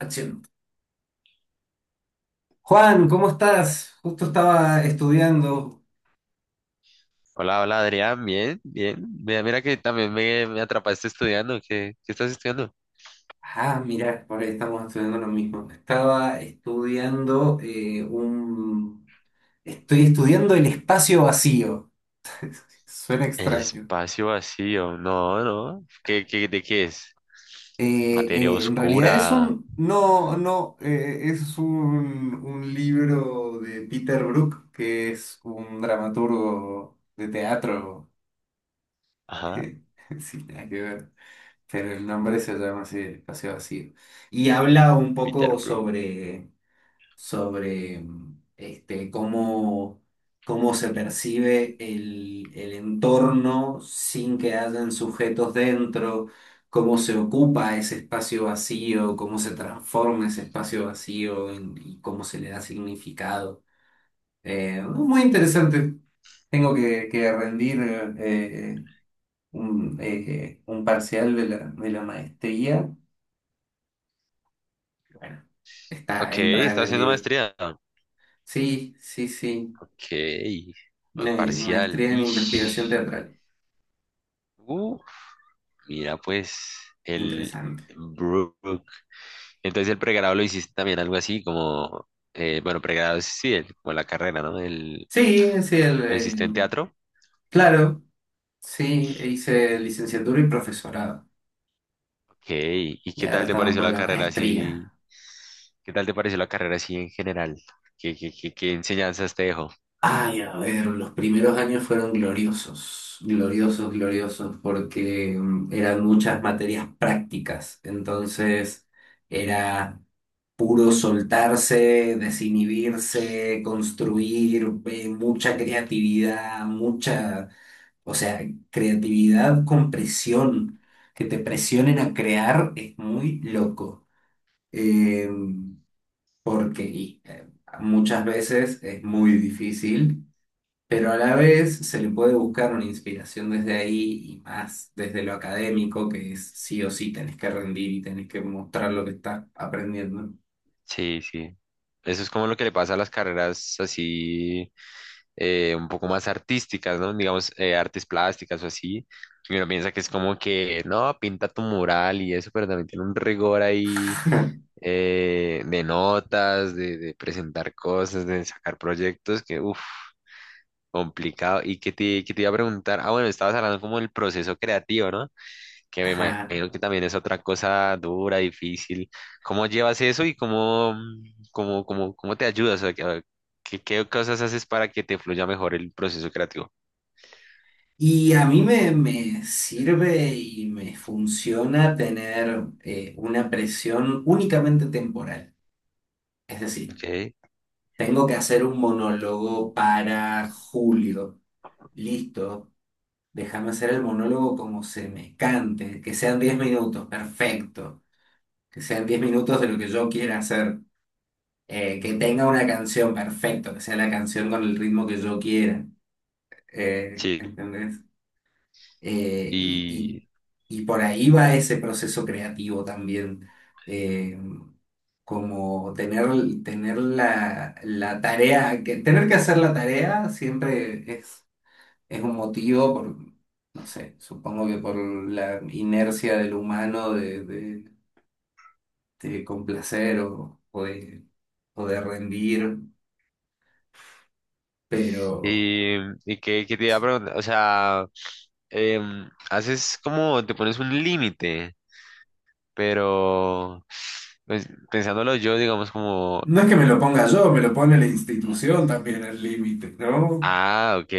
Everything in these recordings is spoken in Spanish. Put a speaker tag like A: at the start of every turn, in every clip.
A: Action. Juan, ¿cómo estás? Justo estaba estudiando.
B: Hola, hola Adrián, bien, bien. Mira que también me atrapaste estudiando. ¿Qué estás estudiando?
A: Ah, mira, por ahí estamos estudiando lo mismo. Estaba estudiando un. Estoy estudiando el espacio vacío. Suena
B: El
A: extraño.
B: espacio vacío. No, no. ¿De qué es? Materia
A: En realidad es
B: oscura.
A: un. No, no. Es un libro de Peter Brook, que es un dramaturgo de teatro.
B: Ajá.
A: Sí, nada que ver, pero el nombre se llama así, espacio vacío. Y habla un
B: Peter
A: poco
B: Brook.
A: sobre, este, cómo se percibe el entorno sin que hayan sujetos dentro, cómo se ocupa ese espacio vacío, cómo se transforma ese espacio vacío y cómo se le da significado. Muy interesante. Tengo que rendir eh, un parcial de la maestría. Bueno,
B: Ok,
A: entra en
B: está
A: el
B: haciendo
A: libro.
B: maestría.
A: Sí, sí, sí.
B: Ok. Parcial.
A: Maestría en investigación
B: Ish.
A: teatral.
B: Uf, mira, pues, el
A: Interesante.
B: Brook. Entonces el pregrado lo hiciste también algo así como, bueno, pregrado es, sí, el- como la carrera, ¿no? El,
A: Sí, sí,
B: ¿lo hiciste en teatro?
A: claro, sí, hice licenciatura y profesorado.
B: Ok, ¿y
A: Y
B: qué
A: ahora
B: tal te
A: estamos
B: pareció
A: por
B: la
A: la
B: carrera así?
A: maestría.
B: ¿Qué tal te pareció la carrera así en general? ¿Qué enseñanzas te dejó?
A: Ay, a ver, los primeros años fueron gloriosos, gloriosos, gloriosos, porque eran muchas materias prácticas. Entonces, era puro soltarse, desinhibirse, construir, mucha creatividad, o sea, creatividad con presión, que te presionen a crear es muy loco. Eh, porque y, eh, Muchas veces es muy difícil. Pero a la vez se le puede buscar una inspiración desde ahí y más desde lo académico, que es sí o sí tenés que rendir y tenés que mostrar lo que estás aprendiendo.
B: Sí, sí. Eso es como lo que le pasa a las carreras así, un poco más artísticas, ¿no? Digamos, artes plásticas o así. Y uno piensa que es como que, no, pinta tu mural y eso, pero también tiene un rigor ahí de notas, de presentar cosas, de sacar proyectos, que uff. Complicado. ¿Y qué te iba a preguntar? Ah, bueno, estabas hablando como del proceso creativo, ¿no? Que me
A: Ajá.
B: imagino que también es otra cosa dura, difícil. ¿Cómo llevas eso y cómo te ayudas? O sea, que- ¿Qué cosas haces para que te fluya mejor el proceso creativo?
A: Y a mí me sirve y me funciona tener una presión únicamente temporal. Es decir,
B: Ok,
A: tengo que hacer un monólogo para julio. Listo, déjame hacer el monólogo como se me cante, que sean 10 minutos, perfecto. Que sean diez minutos de lo que yo quiera hacer. Que tenga una canción, perfecto, que sea la canción con el ritmo que yo quiera.
B: sí.
A: ¿Entendés? Eh, y,
B: Y,
A: y por ahí va ese proceso creativo también, eh, como tener la tarea, tener que hacer la tarea siempre es un motivo por, no sé, supongo que por la inercia del humano de complacer o de rendir, pero
B: y, y qué, qué te iba a preguntar, o sea, haces como, te pones un límite, pero pues, pensándolo yo, digamos como.
A: no es que me lo ponga yo, me lo pone la institución también el límite, ¿no?
B: Ah, ok,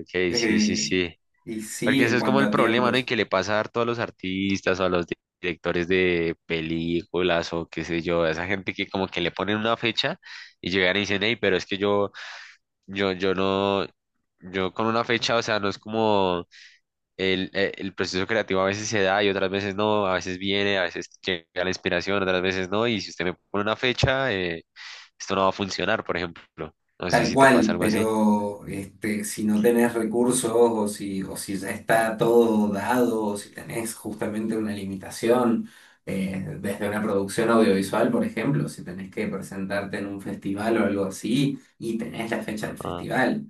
B: ok, sí, sí,
A: Eh,
B: sí.
A: y sí,
B: Porque eso
A: en
B: es como
A: cuanto
B: el
A: a
B: problema, ¿no? Y
A: tiempos,
B: que le pasa harto a todos los artistas o a los di- directores de películas o qué sé yo, a esa gente que como que le ponen una fecha y llegan y dicen, hey, pero es que yo, yo no, yo con una fecha, o sea, no es como el proceso creativo a veces se da y otras veces no, a veces viene, a veces llega la inspiración, otras veces no, y si usted me pone una fecha, esto no va a funcionar, por ejemplo. No sé
A: tal
B: si te pasa
A: cual,
B: algo así.
A: pero este, si no tenés recursos o si ya está todo dado, o si tenés justamente una limitación, desde una producción audiovisual, por ejemplo, si tenés que presentarte en un festival o algo así y tenés la fecha del
B: Ah,
A: festival,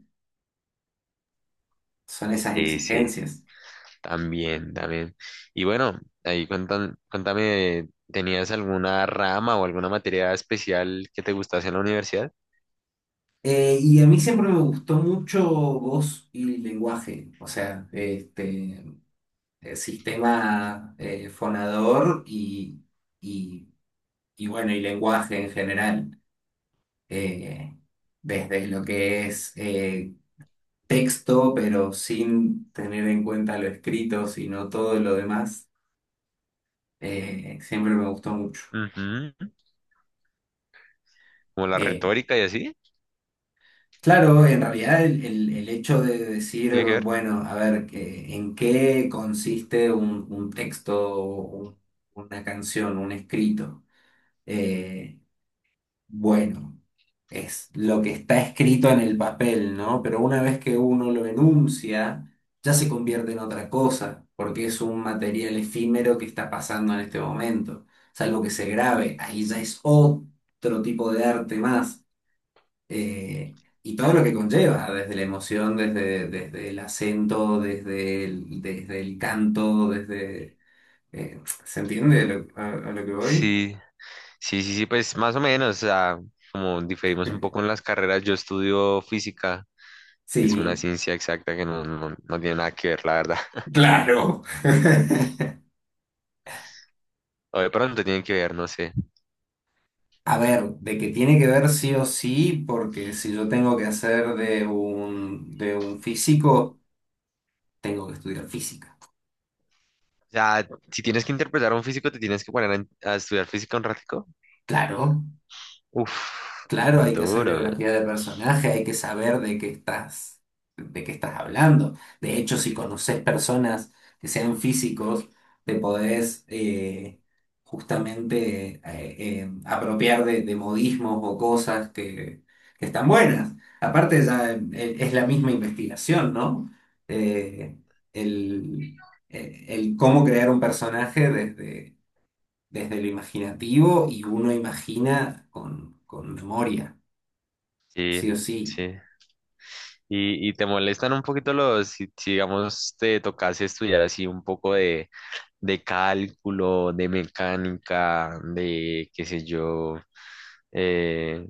A: son esas
B: sí, sí.
A: exigencias.
B: También, también. Y bueno, ahí cuentan, cuéntame, ¿tenías alguna rama o alguna materia especial que te gustase en la universidad?
A: Y a mí siempre me gustó mucho voz y lenguaje, o sea, este, sistema fonador y, y, bueno, y lenguaje en general, eh, desde lo que es texto, pero sin tener en cuenta lo escrito, sino todo lo demás, siempre me gustó mucho.
B: Ujú. Como la
A: Eh,
B: retórica y así,
A: claro, en realidad el hecho de decir,
B: ¿tiene que ver?
A: bueno, a ver, ¿en qué consiste un texto, o una canción, un escrito? Eh, bueno, es lo que está escrito en el papel, ¿no? Pero una vez que uno lo enuncia, ya se convierte en otra cosa, porque es un material efímero que está pasando en este momento. Salvo que se grabe, ahí ya es otro tipo de arte más. eh, y todo lo que conlleva, desde la emoción, desde el acento, desde el canto. ¿Se entiende a lo que voy?
B: Sí, sí, sí, sí, pues más o menos, o sea, como diferimos un poco en las carreras, yo estudio física, es una
A: Sí,
B: ciencia exacta que no tiene nada que ver, la verdad.
A: claro.
B: O de pronto tienen que ver, no sé.
A: A ver, de que tiene que ver sí o sí, porque si yo tengo que hacer de un físico, tengo que estudiar física.
B: O sea, si tienes que interpretar a un físico, te tienes que poner a estudiar física un ratico.
A: Claro.
B: Uf,
A: Claro, hay que hacer
B: duro.
A: biografía de personaje, hay que saber de qué estás hablando. De hecho, si conoces personas que sean físicos, te podés justamente apropiar de modismos o cosas que están buenas. Aparte, ya es la misma investigación, ¿no? Eh, el, el cómo crear un personaje desde lo imaginativo y uno imagina con memoria.
B: Sí,
A: Sí o sí.
B: sí. Y te molestan un poquito los, si, digamos, te tocase estudiar así un poco de cálculo, de mecánica, de qué sé yo, eh,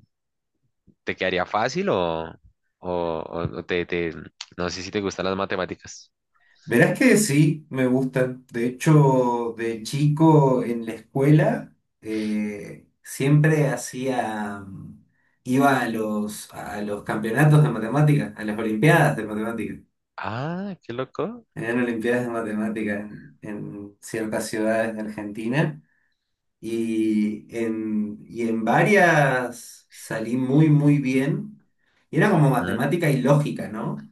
B: ¿te quedaría fácil o- o te- no sé si te gustan las matemáticas?
A: Verás que sí, me gustan. De hecho, de chico en la escuela eh, siempre hacía, mm, iba a los campeonatos de matemáticas, a las olimpiadas de matemáticas.
B: Ah, qué loco.
A: Eran olimpiadas de matemáticas en ciertas ciudades de Argentina y en varias salí muy, muy bien. Y era como matemática y lógica, ¿no?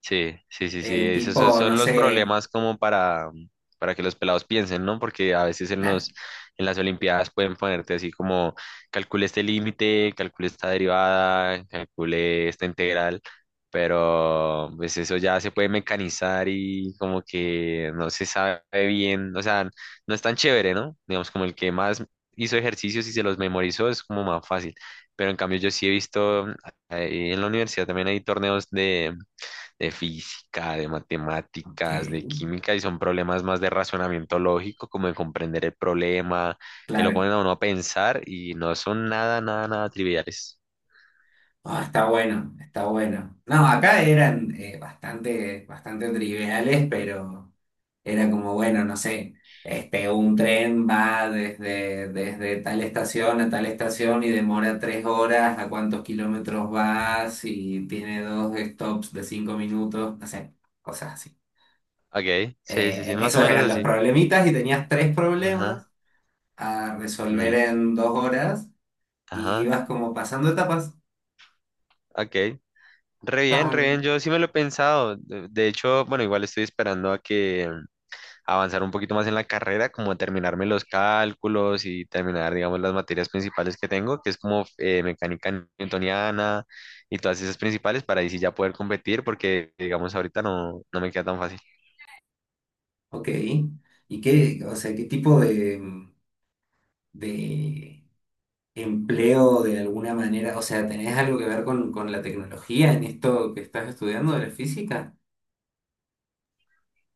B: Sí, sí, sí, sí. Esos son
A: Tipo, no
B: son los
A: sé,
B: problemas como para que los pelados piensen, ¿no? Porque a veces en
A: claro,
B: los, en las Olimpiadas pueden ponerte así como calcule este límite, calcule esta derivada, calcule esta integral, pero pues eso ya se puede mecanizar y como que no se sabe bien, o sea, no es tan chévere, ¿no? Digamos como el que más hizo ejercicios y se los memorizó es como más fácil. Pero en cambio yo sí he visto en la universidad también hay torneos de física, de
A: ok.
B: matemáticas, de química, y son problemas más de razonamiento lógico, como de comprender el problema, que lo
A: Claro.
B: ponen a uno a pensar y no son nada triviales.
A: Ah, está bueno, está bueno. No, acá eran bastante, bastante triviales, pero era como, bueno, no sé, este, un tren va desde tal estación a tal estación y demora 3 horas, a cuántos kilómetros vas y tiene dos stops de 5 minutos, no sé, cosas así.
B: Ok, sí, sí, sí, más o
A: Esos
B: menos
A: eran los
B: así.
A: problemitas y tenías tres
B: Ajá,
A: problemas a resolver
B: listo.
A: en 2 horas y
B: Ajá,
A: ibas como pasando etapas.
B: ok.
A: Está
B: Re
A: bueno.
B: bien, yo sí me lo he pensado. De hecho, bueno, igual estoy esperando a que avanzar un poquito más en la carrera, como terminarme los cálculos y terminar, digamos, las materias principales que tengo, que es como mecánica newtoniana y todas esas principales, para ahí sí ya poder competir, porque, digamos, ahorita no, no me queda tan fácil.
A: Ok. ¿Y o sea, qué tipo de empleo de alguna manera? O sea, ¿tenés algo que ver con la tecnología en esto que estás estudiando de la física?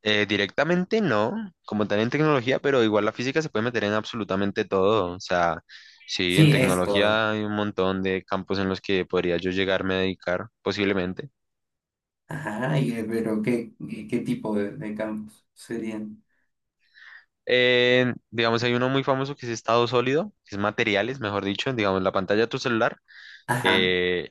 B: Directamente no, como tal en tecnología, pero igual la física se puede meter en absolutamente todo, o sea... Sí, en
A: Sí, es todo.
B: tecnología hay un montón de campos en los que podría yo llegarme a dedicar posiblemente.
A: Ajá, pero ¿ qué tipo de campos serían?
B: Digamos, hay uno muy famoso que es estado sólido, que es materiales, mejor dicho, digamos, la pantalla de tu celular,
A: Ajá,
B: eh,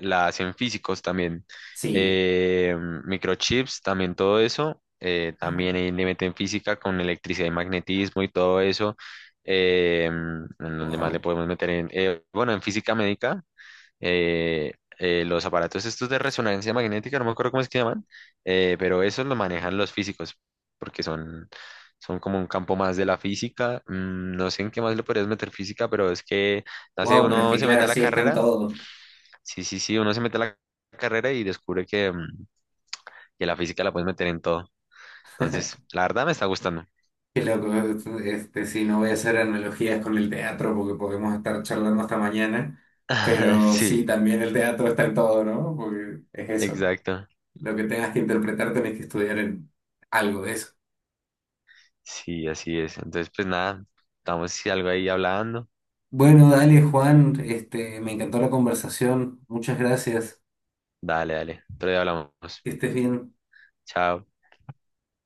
B: la hacen físicos también,
A: sí.
B: eh, microchips, también todo eso, también ahí le meten física con electricidad y magnetismo y todo eso, en donde más le
A: Wow.
B: podemos meter en, bueno, en física médica, eh, los aparatos estos de resonancia magnética, no me acuerdo cómo es que llaman, pero eso lo manejan los físicos, porque son, son como un campo más de la física. Mm, no sé en qué más le podrías meter física, pero es que, no sé,
A: Wow, pero es
B: uno
A: que
B: se mete
A: claro,
B: a la
A: sí, están
B: carrera,
A: todos.
B: sí, sí, sí, uno se mete a la carrera y descubre que, mm, que la física la puedes meter en todo. Entonces, la verdad me está gustando.
A: Qué loco, este, sí, no voy a hacer analogías con el teatro porque podemos estar charlando hasta mañana, pero
B: Sí,
A: sí, también el teatro está en todo, ¿no? Porque es eso,
B: exacto.
A: lo que tengas que interpretar tenés que estudiar en algo de eso.
B: Sí, así es. Entonces, pues nada, estamos si algo ahí hablando.
A: Bueno, dale, Juan, este, me encantó la conversación, muchas gracias,
B: Dale, dale. Otro día hablamos.
A: que estés bien.
B: Chao.